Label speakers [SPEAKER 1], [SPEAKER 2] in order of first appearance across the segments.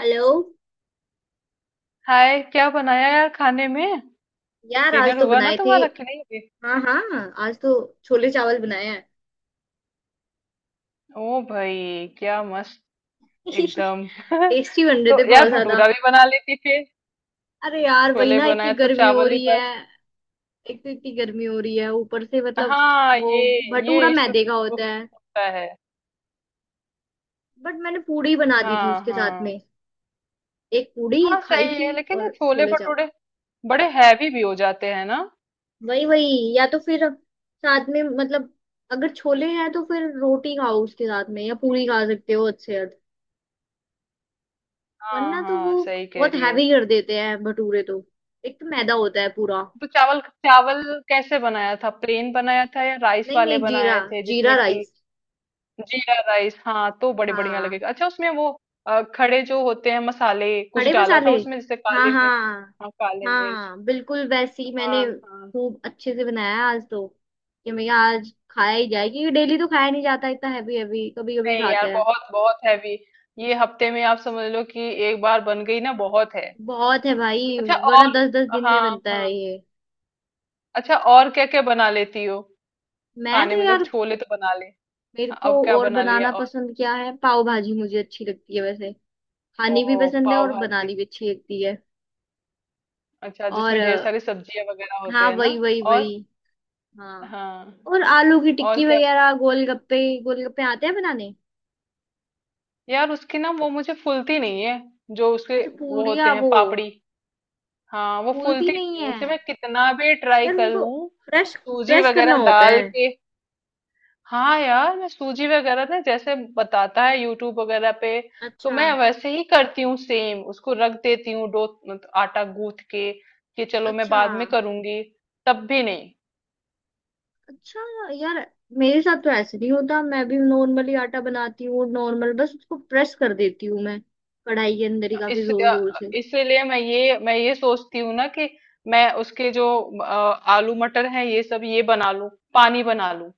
[SPEAKER 1] Hello.
[SPEAKER 2] Hi, क्या बनाया यार खाने में।
[SPEAKER 1] यार आज
[SPEAKER 2] डिनर
[SPEAKER 1] तो
[SPEAKER 2] हुआ ना
[SPEAKER 1] बनाए थे।
[SPEAKER 2] तुम्हारा कि नहीं अभी?
[SPEAKER 1] हाँ हाँ। आज तो छोले चावल बनाए हैं।
[SPEAKER 2] ओ भाई, क्या मस्त, एकदम।
[SPEAKER 1] टेस्टी बन रहे
[SPEAKER 2] तो
[SPEAKER 1] थे
[SPEAKER 2] यार,
[SPEAKER 1] बहुत ज्यादा।
[SPEAKER 2] भटूरा भी बना लेती फिर।
[SPEAKER 1] अरे यार, वही
[SPEAKER 2] छोले
[SPEAKER 1] ना, इतनी
[SPEAKER 2] बनाए तो
[SPEAKER 1] गर्मी हो
[SPEAKER 2] चावल ही
[SPEAKER 1] रही है।
[SPEAKER 2] बस।
[SPEAKER 1] एक तो इतनी गर्मी हो रही है, ऊपर से मतलब
[SPEAKER 2] हाँ,
[SPEAKER 1] वो
[SPEAKER 2] ये
[SPEAKER 1] भटूरा
[SPEAKER 2] ये इशू
[SPEAKER 1] मैदे का
[SPEAKER 2] तो
[SPEAKER 1] होता है।
[SPEAKER 2] होता है।
[SPEAKER 1] बट मैंने पूड़ी बना दी थी
[SPEAKER 2] हाँ,
[SPEAKER 1] उसके साथ
[SPEAKER 2] हाँ।
[SPEAKER 1] में। एक पूड़ी
[SPEAKER 2] हाँ,
[SPEAKER 1] खाई
[SPEAKER 2] सही
[SPEAKER 1] थी।
[SPEAKER 2] है लेकिन ये
[SPEAKER 1] और
[SPEAKER 2] छोले
[SPEAKER 1] छोले चावल।
[SPEAKER 2] भटूरे बड़े हैवी भी हो जाते हैं ना।
[SPEAKER 1] वही वही। या तो फिर साथ में मतलब अगर छोले हैं तो फिर रोटी खाओ उसके साथ में, या पूरी खा
[SPEAKER 2] हम्म।
[SPEAKER 1] सकते हो अच्छे।
[SPEAKER 2] हाँ,
[SPEAKER 1] वरना तो वो
[SPEAKER 2] हाँ, सही कह
[SPEAKER 1] बहुत
[SPEAKER 2] रही हो।
[SPEAKER 1] हैवी कर देते हैं भटूरे तो। एक तो मैदा होता है पूरा।
[SPEAKER 2] तो चावल चावल कैसे बनाया था, प्लेन बनाया था या राइस
[SPEAKER 1] नहीं
[SPEAKER 2] वाले
[SPEAKER 1] नहीं, जीरा।
[SPEAKER 2] बनाए थे
[SPEAKER 1] जीरा
[SPEAKER 2] जिसमें कि?
[SPEAKER 1] राइस।
[SPEAKER 2] जीरा राइस, हाँ, तो बड़े बढ़िया
[SPEAKER 1] हाँ।
[SPEAKER 2] लगेगा। अच्छा, उसमें वो खड़े जो होते हैं मसाले कुछ
[SPEAKER 1] खड़े
[SPEAKER 2] डाला
[SPEAKER 1] मसाले।
[SPEAKER 2] था उसमें, जैसे
[SPEAKER 1] हाँ
[SPEAKER 2] काली मिर्च।
[SPEAKER 1] हाँ।
[SPEAKER 2] हाँ, काली मिर्च।
[SPEAKER 1] हाँ बिल्कुल वैसे ही, मैंने
[SPEAKER 2] हाँ, हाँ।
[SPEAKER 1] खूब अच्छे से बनाया आज तो। कि मैं आज खाया ही जाए क्योंकि डेली तो खाया नहीं जाता। इतना हैवी हैवी कभी कभी
[SPEAKER 2] नहीं
[SPEAKER 1] खाते
[SPEAKER 2] यार,
[SPEAKER 1] हैं।
[SPEAKER 2] बहुत बहुत हैवी। ये हफ्ते में आप समझ लो कि एक बार बन गई ना, बहुत है।
[SPEAKER 1] बहुत है भाई।
[SPEAKER 2] अच्छा,
[SPEAKER 1] वरना
[SPEAKER 2] और
[SPEAKER 1] 10 10 दिन में
[SPEAKER 2] हाँ,
[SPEAKER 1] बनता
[SPEAKER 2] हाँ।
[SPEAKER 1] है ये।
[SPEAKER 2] अच्छा, और क्या क्या बना लेती हो
[SPEAKER 1] मैं तो
[SPEAKER 2] खाने में, तो
[SPEAKER 1] यार
[SPEAKER 2] छोले तो बना ले।
[SPEAKER 1] मेरे
[SPEAKER 2] हाँ,
[SPEAKER 1] को
[SPEAKER 2] अब क्या
[SPEAKER 1] और
[SPEAKER 2] बना लिया
[SPEAKER 1] बनाना
[SPEAKER 2] और?
[SPEAKER 1] पसंद, क्या है, पाव भाजी मुझे अच्छी लगती है वैसे।
[SPEAKER 2] ओ,
[SPEAKER 1] खानी भी पसंद है
[SPEAKER 2] पाव
[SPEAKER 1] और
[SPEAKER 2] भाजी।
[SPEAKER 1] बनानी भी अच्छी लगती है।
[SPEAKER 2] अच्छा,
[SPEAKER 1] और
[SPEAKER 2] जिसमें ढेर सारी सब्जियां वगैरह होते
[SPEAKER 1] हाँ
[SPEAKER 2] हैं ना?
[SPEAKER 1] वही वही
[SPEAKER 2] और
[SPEAKER 1] वही। हाँ।
[SPEAKER 2] हाँ,
[SPEAKER 1] और आलू की
[SPEAKER 2] और
[SPEAKER 1] टिक्की
[SPEAKER 2] क्या?
[SPEAKER 1] वगैरह, गोलगप्पे। गोलगप्पे आते हैं बनाने।
[SPEAKER 2] यार, उसकी ना वो मुझे फूलती नहीं है, जो उसके
[SPEAKER 1] अच्छा,
[SPEAKER 2] वो होते
[SPEAKER 1] पूड़िया,
[SPEAKER 2] हैं
[SPEAKER 1] वो
[SPEAKER 2] पापड़ी। हाँ, वो
[SPEAKER 1] फूलती
[SPEAKER 2] फूलती
[SPEAKER 1] नहीं
[SPEAKER 2] नहीं है
[SPEAKER 1] है।
[SPEAKER 2] मुझे, मैं कितना भी ट्राई
[SPEAKER 1] यार
[SPEAKER 2] कर
[SPEAKER 1] उनको
[SPEAKER 2] लूं।
[SPEAKER 1] प्रेस,
[SPEAKER 2] सूजी
[SPEAKER 1] प्रेस करना
[SPEAKER 2] वगैरह
[SPEAKER 1] होता
[SPEAKER 2] डाल
[SPEAKER 1] है।
[SPEAKER 2] के। हाँ यार, मैं सूजी वगैरह ना जैसे बताता है यूट्यूब वगैरह पे, तो
[SPEAKER 1] अच्छा।
[SPEAKER 2] मैं वैसे ही करती हूँ सेम, उसको रख देती हूँ डो, आटा गूंथ के, कि चलो मैं
[SPEAKER 1] अच्छा।
[SPEAKER 2] बाद में करूंगी। तब भी नहीं।
[SPEAKER 1] अच्छा यार, मेरे साथ तो ऐसे नहीं होता, मैं भी नॉर्मली आटा बनाती हूँ नॉर्मल, बस उसको प्रेस कर देती हूँ मैं कढ़ाई के अंदर ही,
[SPEAKER 2] इस
[SPEAKER 1] काफी जोर जोर से।
[SPEAKER 2] इसलिए इसीलिए मैं ये सोचती हूँ ना कि मैं उसके जो अ, आलू मटर हैं ये सब ये बना लूं, पानी बना लूं,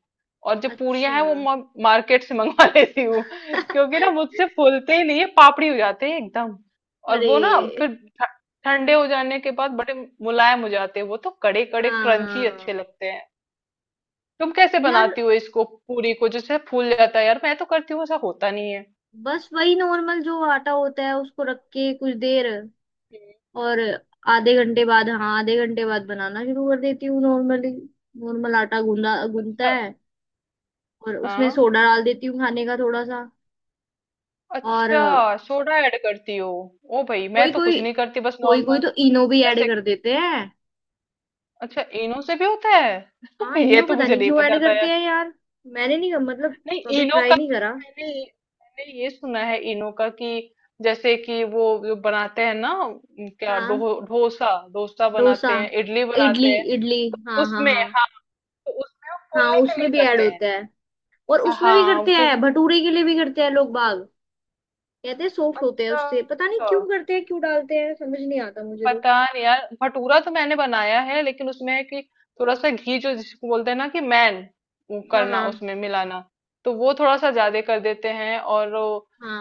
[SPEAKER 2] और जो पूरियां
[SPEAKER 1] अच्छा।
[SPEAKER 2] हैं वो मार्केट से मंगवा लेती हूँ, क्योंकि ना मुझसे फूलते ही नहीं है, पापड़ी हो जाते हैं एकदम। और
[SPEAKER 1] अरे।
[SPEAKER 2] वो ना फिर ठ- ठंडे हो जाने के बाद बड़े मुलायम हो जाते हैं, वो तो कड़े कड़े क्रंची
[SPEAKER 1] हाँ
[SPEAKER 2] अच्छे लगते हैं। तुम कैसे
[SPEAKER 1] यार,
[SPEAKER 2] बनाती हो इसको, पूरी को जैसे फूल जाता है यार, मैं तो करती हूँ ऐसा होता नहीं है।
[SPEAKER 1] बस वही नॉर्मल जो आटा होता है उसको रख के कुछ देर। और आधे घंटे बाद, हाँ, आधे घंटे बाद बनाना शुरू कर देती हूँ नॉर्मली। नॉर्मल आटा गूंदा गूंदता
[SPEAKER 2] अच्छा,
[SPEAKER 1] है। और उसमें
[SPEAKER 2] हाँ।
[SPEAKER 1] सोडा डाल देती हूँ खाने का थोड़ा सा। और
[SPEAKER 2] अच्छा, सोडा ऐड करती हो? ओ भाई, मैं
[SPEAKER 1] कोई
[SPEAKER 2] तो
[SPEAKER 1] कोई
[SPEAKER 2] कुछ नहीं करती बस
[SPEAKER 1] कोई कोई
[SPEAKER 2] नॉर्मल।
[SPEAKER 1] तो इनो भी ऐड
[SPEAKER 2] ऐसे,
[SPEAKER 1] कर देते हैं।
[SPEAKER 2] अच्छा, इनो से भी होता है?
[SPEAKER 1] हाँ
[SPEAKER 2] ये
[SPEAKER 1] इनो
[SPEAKER 2] तो
[SPEAKER 1] पता
[SPEAKER 2] मुझे
[SPEAKER 1] नहीं
[SPEAKER 2] नहीं
[SPEAKER 1] क्यों ऐड
[SPEAKER 2] पता था
[SPEAKER 1] करते
[SPEAKER 2] यार।
[SPEAKER 1] हैं यार। मैंने नहीं मतलब
[SPEAKER 2] नहीं,
[SPEAKER 1] कभी
[SPEAKER 2] इनो
[SPEAKER 1] ट्राई
[SPEAKER 2] का
[SPEAKER 1] नहीं
[SPEAKER 2] तो
[SPEAKER 1] करा।
[SPEAKER 2] मैंने मैंने ये सुना है इनो का, कि जैसे कि वो जो बनाते हैं ना क्या डो,
[SPEAKER 1] हाँ।
[SPEAKER 2] डोसा डोसा
[SPEAKER 1] डोसा
[SPEAKER 2] बनाते हैं, इडली बनाते
[SPEAKER 1] इडली
[SPEAKER 2] हैं।
[SPEAKER 1] इडली।
[SPEAKER 2] तो
[SPEAKER 1] हाँ हाँ
[SPEAKER 2] उसमें,
[SPEAKER 1] हाँ।
[SPEAKER 2] हाँ, तो उसमें वो
[SPEAKER 1] हाँ
[SPEAKER 2] फूलने के लिए
[SPEAKER 1] उसमें भी ऐड
[SPEAKER 2] करते हैं।
[SPEAKER 1] होता है। और उसमें भी
[SPEAKER 2] हाँ,
[SPEAKER 1] करते
[SPEAKER 2] क्योंकि
[SPEAKER 1] हैं, भटूरे के लिए भी करते हैं लोग बाग। कहते हैं सॉफ्ट होते हैं
[SPEAKER 2] अच्छा
[SPEAKER 1] उससे, पता नहीं क्यों करते हैं, क्यों डालते हैं, समझ नहीं आता मुझे तो।
[SPEAKER 2] पता नहीं यार, भटूरा तो मैंने बनाया है लेकिन उसमें है कि थोड़ा सा घी जो जिसको बोलते हैं ना कि मैन, वो
[SPEAKER 1] हाँ
[SPEAKER 2] करना
[SPEAKER 1] हाँ
[SPEAKER 2] उसमें मिलाना, तो वो थोड़ा सा ज्यादा कर देते हैं। और वो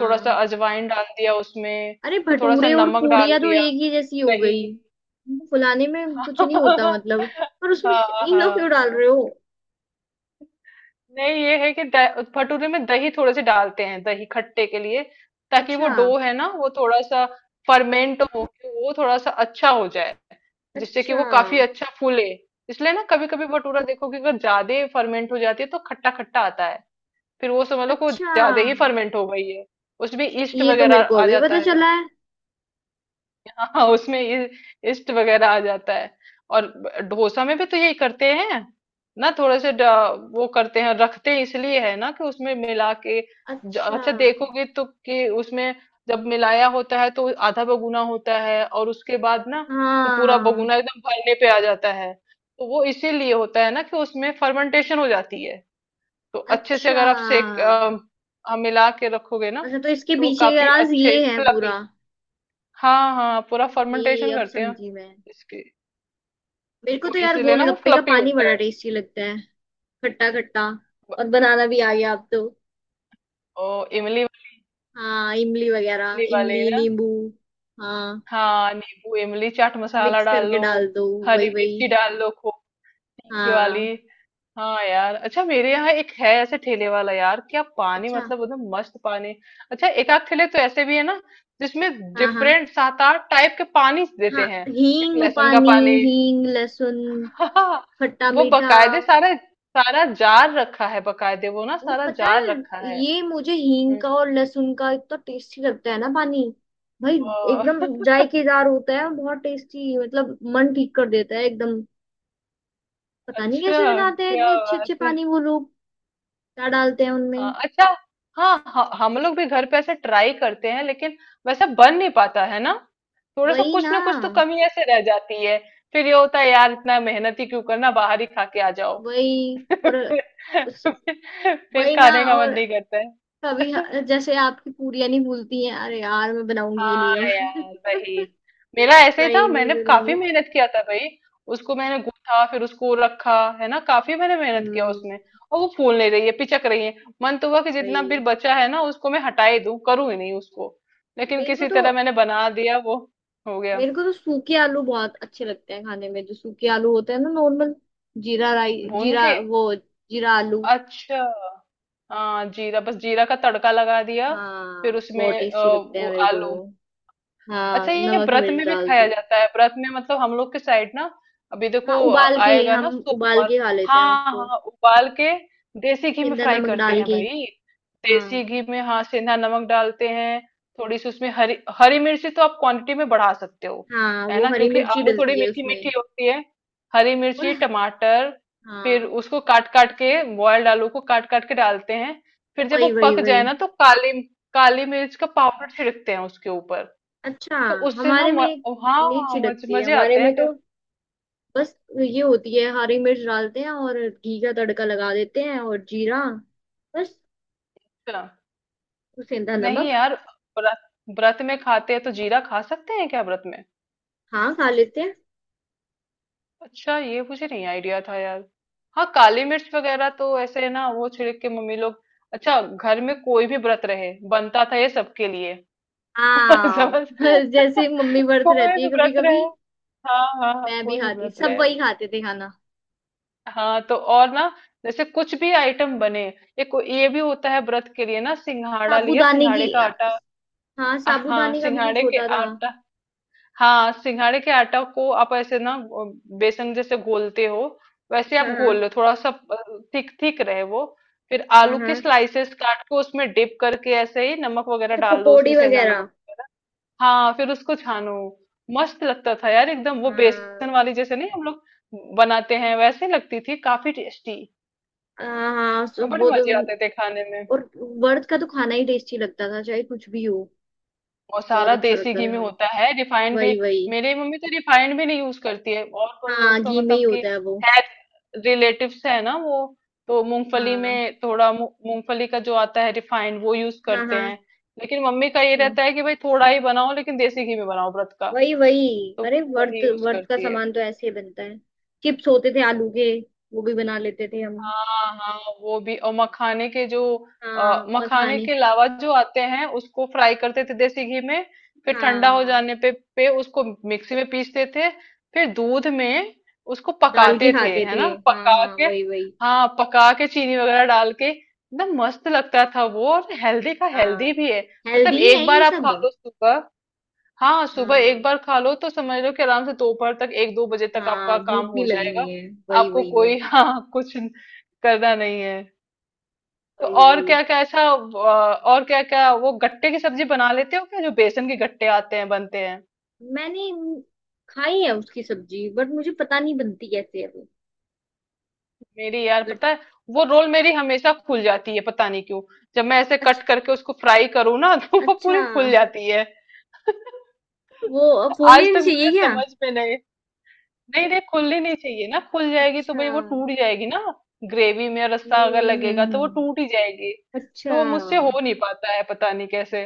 [SPEAKER 2] थोड़ा सा अजवाइन डाल दिया उसमें,
[SPEAKER 1] अरे
[SPEAKER 2] और थोड़ा सा
[SPEAKER 1] भटूरे और
[SPEAKER 2] नमक डाल
[SPEAKER 1] पूड़ियाँ तो
[SPEAKER 2] दिया,
[SPEAKER 1] एक ही जैसी हो
[SPEAKER 2] दही।
[SPEAKER 1] गई, उनको फुलाने में कुछ नहीं होता मतलब। पर उसमें
[SPEAKER 2] हाँ,
[SPEAKER 1] इनो
[SPEAKER 2] हाँ,
[SPEAKER 1] क्यों डाल
[SPEAKER 2] हाँ।
[SPEAKER 1] रहे हो।
[SPEAKER 2] नहीं, ये है कि भटूरे में दही थोड़े से डालते हैं, दही खट्टे के लिए, ताकि वो
[SPEAKER 1] अच्छा।
[SPEAKER 2] डो है ना वो थोड़ा सा फर्मेंट हो के वो थोड़ा सा अच्छा हो जाए, जिससे कि
[SPEAKER 1] अच्छा।
[SPEAKER 2] वो काफी अच्छा फूले। इसलिए ना कभी कभी भटूरा देखो कि अगर ज्यादा फर्मेंट हो जाती है तो खट्टा खट्टा आता है, फिर वो समझ लो कि वो
[SPEAKER 1] अच्छा।
[SPEAKER 2] ज्यादा ही फर्मेंट हो गई है। उसमें ईस्ट
[SPEAKER 1] ये तो
[SPEAKER 2] वगैरह
[SPEAKER 1] मेरे को
[SPEAKER 2] आ
[SPEAKER 1] अभी
[SPEAKER 2] जाता
[SPEAKER 1] पता
[SPEAKER 2] है
[SPEAKER 1] चला
[SPEAKER 2] ना।
[SPEAKER 1] है।
[SPEAKER 2] हाँ, उसमें ये इस्ट वगैरह आ जाता है। और डोसा में भी तो यही करते हैं ना, थोड़े से वो करते हैं रखते हैं इसलिए, है ना कि उसमें मिला के।
[SPEAKER 1] अच्छा।
[SPEAKER 2] अच्छा, देखोगे तो कि उसमें जब मिलाया होता है तो आधा बगुना होता है, और उसके बाद ना तो पूरा
[SPEAKER 1] हाँ।
[SPEAKER 2] बगुना एकदम भरने पे आ जाता है। तो वो इसीलिए होता है ना कि उसमें फर्मेंटेशन हो जाती है। तो अच्छे से
[SPEAKER 1] अच्छा।
[SPEAKER 2] अगर आप सेक हम मिला के रखोगे ना,
[SPEAKER 1] अच्छा तो इसके
[SPEAKER 2] तो वो
[SPEAKER 1] पीछे का
[SPEAKER 2] काफी
[SPEAKER 1] राज
[SPEAKER 2] अच्छे
[SPEAKER 1] ये है
[SPEAKER 2] फ्लफी।
[SPEAKER 1] पूरा।
[SPEAKER 2] हाँ, हाँ, पूरा
[SPEAKER 1] कि
[SPEAKER 2] फर्मेंटेशन
[SPEAKER 1] अब
[SPEAKER 2] करते हैं।
[SPEAKER 1] समझी मैं।
[SPEAKER 2] इसके,
[SPEAKER 1] मेरे को
[SPEAKER 2] तो
[SPEAKER 1] तो यार
[SPEAKER 2] इसलिए ना वो
[SPEAKER 1] गोलगप्पे का
[SPEAKER 2] फ्लफी
[SPEAKER 1] पानी
[SPEAKER 2] होता
[SPEAKER 1] बड़ा
[SPEAKER 2] है।
[SPEAKER 1] टेस्टी लगता है, खट्टा खट्टा।
[SPEAKER 2] ब-
[SPEAKER 1] और बनाना भी आ गया अब तो।
[SPEAKER 2] ओ, इमली वाली।
[SPEAKER 1] हाँ इमली वगैरह,
[SPEAKER 2] इमली वाली
[SPEAKER 1] इमली
[SPEAKER 2] ना।
[SPEAKER 1] नींबू। हाँ
[SPEAKER 2] हाँ, नींबू इमली चाट मसाला
[SPEAKER 1] मिक्स
[SPEAKER 2] डाल
[SPEAKER 1] करके
[SPEAKER 2] लो।
[SPEAKER 1] डाल दो।
[SPEAKER 2] हरी
[SPEAKER 1] वही वही।
[SPEAKER 2] मिर्ची डाल लो खूब, तीखी वाली।
[SPEAKER 1] हाँ।
[SPEAKER 2] हाँ यार, अच्छा मेरे यहाँ एक है ऐसे ठेले वाला, यार क्या पानी,
[SPEAKER 1] अच्छा।
[SPEAKER 2] मतलब एकदम मस्त पानी। अच्छा, एक आध ठेले तो ऐसे भी है ना जिसमें
[SPEAKER 1] हाँ हाँ
[SPEAKER 2] डिफरेंट सात आठ टाइप के पानी
[SPEAKER 1] हाँ,
[SPEAKER 2] देते हैं, एक
[SPEAKER 1] हींग
[SPEAKER 2] लहसुन का
[SPEAKER 1] पानी।
[SPEAKER 2] पानी।
[SPEAKER 1] हींग लहसुन।
[SPEAKER 2] हाँ,
[SPEAKER 1] खट्टा
[SPEAKER 2] वो
[SPEAKER 1] मीठा।
[SPEAKER 2] बकायदे सारा सारा जार रखा है, बकायदे वो ना
[SPEAKER 1] और
[SPEAKER 2] सारा
[SPEAKER 1] पता
[SPEAKER 2] जार
[SPEAKER 1] है,
[SPEAKER 2] रखा है।
[SPEAKER 1] ये मुझे हींग
[SPEAKER 2] हम्म।
[SPEAKER 1] का और लहसुन का इतना टेस्टी लगता है ना पानी, भाई।
[SPEAKER 2] हाँ।
[SPEAKER 1] एकदम जायकेदार होता है और बहुत टेस्टी, मतलब मन ठीक कर देता है एकदम। पता नहीं
[SPEAKER 2] अच्छा,
[SPEAKER 1] कैसे बनाते हैं
[SPEAKER 2] क्या
[SPEAKER 1] इतने अच्छे
[SPEAKER 2] बात
[SPEAKER 1] अच्छे
[SPEAKER 2] है।
[SPEAKER 1] पानी वो लोग। क्या डालते हैं
[SPEAKER 2] हाँ,
[SPEAKER 1] उनमें।
[SPEAKER 2] अच्छा। हाँ, हाँ, हम लोग भी घर पे ऐसे ट्राई करते हैं लेकिन वैसा बन नहीं पाता है ना। थोड़ा सा
[SPEAKER 1] वही ना।
[SPEAKER 2] कुछ ना कुछ तो कमी ऐसे रह जाती है। फिर ये होता है यार, इतना मेहनत ही क्यों करना, बाहर ही खा के आ जाओ।
[SPEAKER 1] वही और उस-
[SPEAKER 2] फिर
[SPEAKER 1] वही ना।
[SPEAKER 2] खाने का मन
[SPEAKER 1] और
[SPEAKER 2] नहीं करता
[SPEAKER 1] कभी
[SPEAKER 2] है।
[SPEAKER 1] जैसे आपकी पूरियां नहीं भूलती हैं, अरे यार मैं बनाऊंगी ही नहीं
[SPEAKER 2] हाँ यार,
[SPEAKER 1] अब।
[SPEAKER 2] वही। मेरा ऐसे ही था,
[SPEAKER 1] ट्राई नहीं
[SPEAKER 2] मैंने काफी
[SPEAKER 1] करूंगी।
[SPEAKER 2] मेहनत किया था भाई, उसको मैंने गूथा फिर उसको रखा, है ना, काफी मैंने मेहनत किया
[SPEAKER 1] हम्म।
[SPEAKER 2] उसमें। और वो फूल नहीं रही है, पिचक रही है। मन तो हुआ कि जितना भी
[SPEAKER 1] वही।
[SPEAKER 2] बचा है ना उसको मैं हटा ही दूं, करूं ही नहीं उसको। लेकिन
[SPEAKER 1] मेरे को
[SPEAKER 2] किसी
[SPEAKER 1] तो
[SPEAKER 2] तरह मैंने बना दिया वो, हो गया।
[SPEAKER 1] मेरे को तो सूखे आलू बहुत अच्छे लगते हैं खाने में, जो सूखे आलू होते हैं ना नॉर्मल। जीरा राई,
[SPEAKER 2] भून
[SPEAKER 1] जीरा,
[SPEAKER 2] के,
[SPEAKER 1] वो जीरा आलू।
[SPEAKER 2] अच्छा। हाँ, जीरा बस, जीरा का तड़का लगा दिया। फिर
[SPEAKER 1] हाँ
[SPEAKER 2] उसमें
[SPEAKER 1] बहुत टेस्टी लगते हैं
[SPEAKER 2] वो
[SPEAKER 1] मेरे को
[SPEAKER 2] आलू।
[SPEAKER 1] वो।
[SPEAKER 2] अच्छा,
[SPEAKER 1] हाँ
[SPEAKER 2] ये
[SPEAKER 1] नमक
[SPEAKER 2] व्रत
[SPEAKER 1] मिर्च
[SPEAKER 2] में भी
[SPEAKER 1] डालती
[SPEAKER 2] खाया
[SPEAKER 1] हूँ।
[SPEAKER 2] जाता है व्रत में, मतलब हम लोग के साइड ना। अभी
[SPEAKER 1] हाँ
[SPEAKER 2] देखो
[SPEAKER 1] उबाल के
[SPEAKER 2] आएगा
[SPEAKER 1] हम
[SPEAKER 2] ना
[SPEAKER 1] उबाल
[SPEAKER 2] सोमवार।
[SPEAKER 1] के खा लेते हैं
[SPEAKER 2] हाँ,
[SPEAKER 1] उसको।
[SPEAKER 2] हाँ, उबाल के, देसी घी में
[SPEAKER 1] सेंधा
[SPEAKER 2] फ्राई
[SPEAKER 1] नमक
[SPEAKER 2] करते
[SPEAKER 1] डाल
[SPEAKER 2] हैं
[SPEAKER 1] के।
[SPEAKER 2] भाई।
[SPEAKER 1] हाँ
[SPEAKER 2] देसी घी में, हाँ, सेंधा नमक डालते हैं। थोड़ी सी उसमें हरी हरी मिर्ची तो आप क्वांटिटी में बढ़ा सकते हो,
[SPEAKER 1] हाँ।
[SPEAKER 2] है
[SPEAKER 1] वो
[SPEAKER 2] ना,
[SPEAKER 1] हरी
[SPEAKER 2] क्योंकि
[SPEAKER 1] मिर्ची
[SPEAKER 2] आलू थोड़ी
[SPEAKER 1] डलती है
[SPEAKER 2] मीठी
[SPEAKER 1] उसमें।
[SPEAKER 2] मीठी होती है। हरी
[SPEAKER 1] और।
[SPEAKER 2] मिर्ची, टमाटर। फिर
[SPEAKER 1] हाँ।
[SPEAKER 2] उसको काट काट के बॉयल्ड आलू को काट काट के डालते हैं, फिर जब वो
[SPEAKER 1] वही वही
[SPEAKER 2] पक जाए
[SPEAKER 1] वही।
[SPEAKER 2] ना तो काली काली मिर्च का पाउडर छिड़कते हैं उसके ऊपर,
[SPEAKER 1] अच्छा
[SPEAKER 2] तो उससे ना
[SPEAKER 1] हमारे में
[SPEAKER 2] हाँ,
[SPEAKER 1] नहीं छिड़कती है
[SPEAKER 2] मजे
[SPEAKER 1] हमारे
[SPEAKER 2] आते हैं
[SPEAKER 1] में तो।
[SPEAKER 2] फिर।
[SPEAKER 1] बस ये होती है, हरी मिर्च डालते हैं और घी का तड़का लगा देते हैं, और जीरा, बस।
[SPEAKER 2] अच्छा,
[SPEAKER 1] सेंधा
[SPEAKER 2] नहीं
[SPEAKER 1] नमक।
[SPEAKER 2] यार, व्रत व्रत में खाते हैं तो जीरा खा सकते हैं क्या व्रत में?
[SPEAKER 1] हाँ खा लेते हैं।
[SPEAKER 2] अच्छा, ये मुझे नहीं आइडिया था यार। हाँ, काली मिर्च वगैरह तो ऐसे है ना वो छिड़क के मम्मी लोग। अच्छा, घर में कोई भी व्रत रहे बनता था ये सबके लिए।
[SPEAKER 1] हाँ।
[SPEAKER 2] समझ।
[SPEAKER 1] बस जैसे मम्मी व्रत
[SPEAKER 2] कोई
[SPEAKER 1] रहती
[SPEAKER 2] भी
[SPEAKER 1] है कभी
[SPEAKER 2] व्रत रहे।
[SPEAKER 1] कभी,
[SPEAKER 2] हाँ, हाँ, हाँ,
[SPEAKER 1] मैं भी
[SPEAKER 2] कोई भी
[SPEAKER 1] खाती,
[SPEAKER 2] व्रत
[SPEAKER 1] सब
[SPEAKER 2] रहे।
[SPEAKER 1] वही खाते थे खाना।
[SPEAKER 2] हाँ तो और ना, जैसे कुछ भी आइटम बने, ये भी होता है व्रत के लिए ना, सिंघाड़ा लिया,
[SPEAKER 1] साबूदाने की।
[SPEAKER 2] सिंघाड़े का आटा।
[SPEAKER 1] हाँ
[SPEAKER 2] हाँ,
[SPEAKER 1] साबूदाने का भी कुछ
[SPEAKER 2] सिंघाड़े के
[SPEAKER 1] होता था।
[SPEAKER 2] आटा। हाँ, सिंघाड़े के आटा को आप ऐसे ना बेसन जैसे घोलते हो, वैसे आप घोल
[SPEAKER 1] हाँ
[SPEAKER 2] लो थोड़ा सा, थिक थिक रहे वो। फिर
[SPEAKER 1] हाँ।
[SPEAKER 2] आलू
[SPEAKER 1] हाँ
[SPEAKER 2] के स्लाइसेस काट के उसमें डिप करके ऐसे ही नमक वगैरह
[SPEAKER 1] तो
[SPEAKER 2] डाल दो
[SPEAKER 1] पकौड़ी
[SPEAKER 2] उसमें, सेंधा नमक
[SPEAKER 1] वगैरह।
[SPEAKER 2] वगैरह। हाँ, फिर उसको छानो। मस्त लगता था यार एकदम, वो बेसन
[SPEAKER 1] हाँ
[SPEAKER 2] वाली जैसे नहीं हम लोग बनाते हैं, वैसे लगती थी काफी टेस्टी।
[SPEAKER 1] हाँ हाँ,
[SPEAKER 2] बट
[SPEAKER 1] वो तो।
[SPEAKER 2] मजे आते थे खाने में।
[SPEAKER 1] और वर्थ का तो खाना ही टेस्टी लगता था चाहे कुछ भी हो।
[SPEAKER 2] और
[SPEAKER 1] बहुत
[SPEAKER 2] सारा
[SPEAKER 1] अच्छा
[SPEAKER 2] देसी
[SPEAKER 1] लगता
[SPEAKER 2] घी
[SPEAKER 1] था
[SPEAKER 2] में
[SPEAKER 1] खाना।
[SPEAKER 2] होता है, रिफाइंड भी।
[SPEAKER 1] वही वही।
[SPEAKER 2] मेरी मम्मी तो रिफाइंड भी नहीं यूज करती है। और पर
[SPEAKER 1] हाँ
[SPEAKER 2] लोग तो
[SPEAKER 1] घी में ही
[SPEAKER 2] मतलब कि
[SPEAKER 1] होता है वो।
[SPEAKER 2] हेल्थ रिलेटिव्स है ना वो, तो मूंगफली
[SPEAKER 1] हाँ
[SPEAKER 2] में थोड़ा मूंगफली का जो आता है रिफाइंड वो यूज
[SPEAKER 1] हाँ
[SPEAKER 2] करते
[SPEAKER 1] हाँ।
[SPEAKER 2] हैं। लेकिन मम्मी का ये
[SPEAKER 1] अच्छा।
[SPEAKER 2] रहता है कि भाई थोड़ा ही बनाओ लेकिन देसी घी में बनाओ व्रत का,
[SPEAKER 1] वही वही।
[SPEAKER 2] तो
[SPEAKER 1] अरे
[SPEAKER 2] वो वही
[SPEAKER 1] वर्थ
[SPEAKER 2] यूज
[SPEAKER 1] वर्थ का
[SPEAKER 2] करती है।
[SPEAKER 1] सामान तो ऐसे ही बनता है। चिप्स होते थे आलू के। वो भी बना लेते थे हम।
[SPEAKER 2] हाँ, हाँ, वो भी, और मखाने के जो
[SPEAKER 1] हाँ
[SPEAKER 2] मखाने
[SPEAKER 1] मखाने।
[SPEAKER 2] के लावा जो आते हैं उसको फ्राई करते थे देसी घी में, फिर ठंडा हो
[SPEAKER 1] हाँ
[SPEAKER 2] जाने पे पे उसको मिक्सी में पीसते थे। फिर दूध में उसको
[SPEAKER 1] डाल के
[SPEAKER 2] पकाते थे,
[SPEAKER 1] खाते
[SPEAKER 2] है
[SPEAKER 1] थे।
[SPEAKER 2] ना,
[SPEAKER 1] हाँ
[SPEAKER 2] पका
[SPEAKER 1] हाँ
[SPEAKER 2] के।
[SPEAKER 1] वही वही।
[SPEAKER 2] हाँ, पका के चीनी वगैरह डाल के एकदम मस्त लगता था वो, और हेल्दी का हेल्दी
[SPEAKER 1] हाँ
[SPEAKER 2] भी है। मतलब
[SPEAKER 1] हेल्दी है
[SPEAKER 2] एक बार
[SPEAKER 1] ये
[SPEAKER 2] आप
[SPEAKER 1] सब।
[SPEAKER 2] खा लो सुबह। हाँ, सुबह एक
[SPEAKER 1] हाँ
[SPEAKER 2] बार खा लो तो समझ लो कि आराम से दोपहर तक एक दो बजे तक
[SPEAKER 1] हाँ।
[SPEAKER 2] आपका काम
[SPEAKER 1] भूख नहीं
[SPEAKER 2] हो
[SPEAKER 1] लगनी
[SPEAKER 2] जाएगा।
[SPEAKER 1] है। वही
[SPEAKER 2] आपको
[SPEAKER 1] वही
[SPEAKER 2] कोई
[SPEAKER 1] वही,
[SPEAKER 2] हाँ, कुछ करना नहीं है। तो
[SPEAKER 1] वही
[SPEAKER 2] और
[SPEAKER 1] वही।
[SPEAKER 2] क्या क्या अच्छा और क्या क्या वो गट्टे की सब्जी बना लेते हो क्या, जो बेसन के गट्टे आते हैं बनते हैं?
[SPEAKER 1] मैंने खाई है उसकी सब्जी, बट मुझे पता नहीं बनती कैसे है वो।
[SPEAKER 2] मेरी यार
[SPEAKER 1] बट।
[SPEAKER 2] पता है, वो रोल मेरी हमेशा खुल जाती है, पता नहीं क्यों। जब मैं ऐसे कट
[SPEAKER 1] अच्छा।
[SPEAKER 2] करके उसको फ्राई करूँ ना तो वो
[SPEAKER 1] अच्छा।
[SPEAKER 2] पूरी खुल जाती है।
[SPEAKER 1] वो अब
[SPEAKER 2] आज
[SPEAKER 1] बोलने नहीं
[SPEAKER 2] तक
[SPEAKER 1] चाहिए
[SPEAKER 2] मुझे
[SPEAKER 1] क्या।
[SPEAKER 2] समझ में नहीं। नहीं, नहीं, खुलनी नहीं चाहिए ना, खुल जाएगी तो
[SPEAKER 1] अच्छा।
[SPEAKER 2] भाई वो टूट जाएगी ना। ग्रेवी में रस्सा अगर लगेगा तो वो
[SPEAKER 1] हम्म।
[SPEAKER 2] टूट ही जाएगी।
[SPEAKER 1] अच्छा।
[SPEAKER 2] तो वो मुझसे हो नहीं पाता है, पता नहीं कैसे।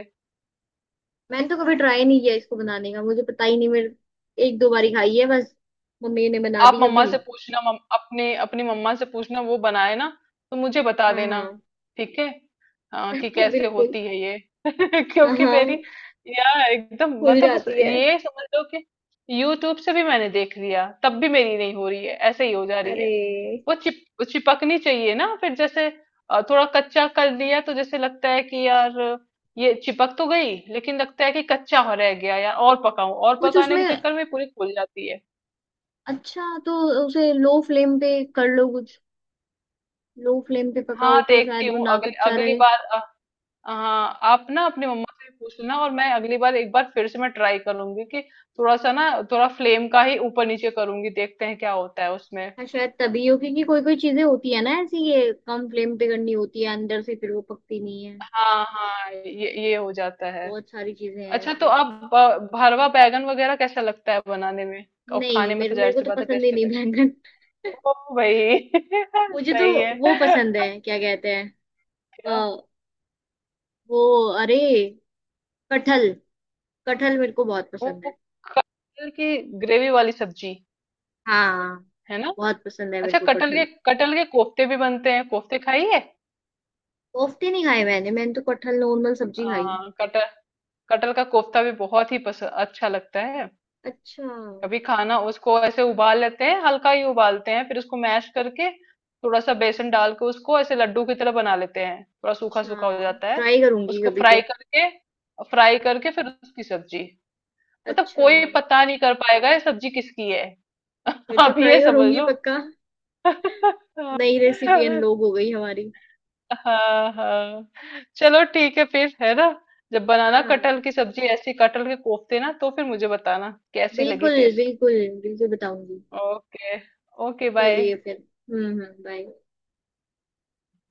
[SPEAKER 1] मैंने तो कभी ट्राई नहीं किया इसको बनाने का, मुझे पता ही नहीं मेरे। एक दो बारी खाई है बस। मम्मी ने बना
[SPEAKER 2] आप
[SPEAKER 1] दी
[SPEAKER 2] मम्मा
[SPEAKER 1] कभी।
[SPEAKER 2] से पूछना, अपने अपनी मम्मा से पूछना वो बनाए ना, तो मुझे बता
[SPEAKER 1] हाँ
[SPEAKER 2] देना।
[SPEAKER 1] हाँ।
[SPEAKER 2] ठीक है, हाँ, कि कैसे
[SPEAKER 1] बिल्कुल।
[SPEAKER 2] होती है ये।
[SPEAKER 1] हाँ
[SPEAKER 2] क्योंकि मेरी
[SPEAKER 1] हाँ।
[SPEAKER 2] यार एकदम,
[SPEAKER 1] फूल
[SPEAKER 2] मतलब बस
[SPEAKER 1] जाती है।
[SPEAKER 2] ये समझ लो कि यूट्यूब से भी मैंने देख लिया तब भी मेरी नहीं हो रही है, ऐसे ही हो जा रही है।
[SPEAKER 1] अरे।
[SPEAKER 2] वो चिपकनी चाहिए ना, फिर जैसे थोड़ा कच्चा कर दिया तो जैसे लगता है कि यार, ये चिपक तो गई, लेकिन लगता है कि कच्चा हो रह गया यार, और पकाऊं, और
[SPEAKER 1] कुछ
[SPEAKER 2] पकाने के
[SPEAKER 1] उसमें।
[SPEAKER 2] चक्कर में पूरी खुल जाती है।
[SPEAKER 1] अच्छा तो उसे, लो फ्लेम पे कर लो कुछ। लो फ्लेम पे पकाओ
[SPEAKER 2] हाँ,
[SPEAKER 1] तो
[SPEAKER 2] देखती
[SPEAKER 1] शायद वो
[SPEAKER 2] हूँ
[SPEAKER 1] ना
[SPEAKER 2] अगली
[SPEAKER 1] कच्चा
[SPEAKER 2] अगली
[SPEAKER 1] रहे।
[SPEAKER 2] बार हाँ आप ना अपनी मम्मा से पूछना, और मैं अगली बार एक बार फिर से मैं ट्राई करूंगी कि थोड़ा सा ना थोड़ा फ्लेम का ही ऊपर नीचे करूंगी, देखते हैं क्या होता है उसमें।
[SPEAKER 1] हाँ शायद तभी हो, क्योंकि कोई कोई चीजें होती है ना ऐसी, ये कम फ्लेम पे करनी होती है, अंदर से फिर वो पकती नहीं है।
[SPEAKER 2] हाँ, हाँ, ये हो जाता है।
[SPEAKER 1] बहुत सारी चीजें हैं
[SPEAKER 2] अच्छा, तो
[SPEAKER 1] ऐसी।
[SPEAKER 2] आप भरवा बैगन वगैरह कैसा लगता है बनाने में? और खाने
[SPEAKER 1] नहीं
[SPEAKER 2] में
[SPEAKER 1] मेरे
[SPEAKER 2] तो
[SPEAKER 1] मेरे
[SPEAKER 2] जाहिर
[SPEAKER 1] को
[SPEAKER 2] सी
[SPEAKER 1] तो
[SPEAKER 2] बात है
[SPEAKER 1] पसंद ही
[SPEAKER 2] टेस्टी
[SPEAKER 1] नहीं
[SPEAKER 2] लगे।
[SPEAKER 1] बैंगन।
[SPEAKER 2] ओ भाई,
[SPEAKER 1] मुझे तो।
[SPEAKER 2] सही
[SPEAKER 1] वो
[SPEAKER 2] है।
[SPEAKER 1] पसंद है, क्या कहते हैं?
[SPEAKER 2] क्या?
[SPEAKER 1] अ, वो, अरे, कटहल। कटहल मेरे को बहुत
[SPEAKER 2] वो
[SPEAKER 1] पसंद है।
[SPEAKER 2] कटहल की ग्रेवी वाली सब्जी,
[SPEAKER 1] हाँ
[SPEAKER 2] है ना?
[SPEAKER 1] बहुत पसंद है मेरे
[SPEAKER 2] अच्छा,
[SPEAKER 1] को
[SPEAKER 2] कटहल के
[SPEAKER 1] कटहल।
[SPEAKER 2] कटहल के कोफ्ते भी बनते हैं, कोफ्ते खाइए।
[SPEAKER 1] कोफ्ते नहीं खाए, मैंने मैंने तो कटहल नॉर्मल सब्जी खाई।
[SPEAKER 2] हाँ, कटहल कटहल का कोफ्ता भी बहुत ही पसंद, अच्छा लगता है।
[SPEAKER 1] अच्छा।
[SPEAKER 2] कभी खाना, उसको ऐसे उबाल लेते हैं, हल्का ही उबालते हैं, फिर उसको मैश करके थोड़ा सा बेसन डाल के उसको ऐसे लड्डू की तरह बना लेते हैं, थोड़ा सूखा सूखा हो
[SPEAKER 1] अच्छा
[SPEAKER 2] जाता है।
[SPEAKER 1] ट्राई करूंगी
[SPEAKER 2] उसको
[SPEAKER 1] कभी
[SPEAKER 2] फ्राई
[SPEAKER 1] तो।
[SPEAKER 2] करके, फ्राई करके फिर उसकी सब्जी। मतलब
[SPEAKER 1] अच्छा
[SPEAKER 2] कोई पता नहीं कर पाएगा ये सब्जी किसकी है।
[SPEAKER 1] फिर तो
[SPEAKER 2] आप
[SPEAKER 1] ट्राई
[SPEAKER 2] ये समझ
[SPEAKER 1] करूंगी
[SPEAKER 2] लो।
[SPEAKER 1] पक्का। नई रेसिपी अनलॉक हो गई हमारी।
[SPEAKER 2] हाँ, हाँ। चलो ठीक है फिर, है ना। जब बनाना
[SPEAKER 1] हाँ हाँ
[SPEAKER 2] कटहल की सब्जी ऐसी, कटहल के कोफ्ते ना, तो फिर मुझे बताना कैसी लगी
[SPEAKER 1] बिल्कुल
[SPEAKER 2] टेस्ट।
[SPEAKER 1] बिल्कुल। बिल्कुल बताऊंगी।
[SPEAKER 2] Okay, okay bye.
[SPEAKER 1] चलिए फिर। हम्म, बाय।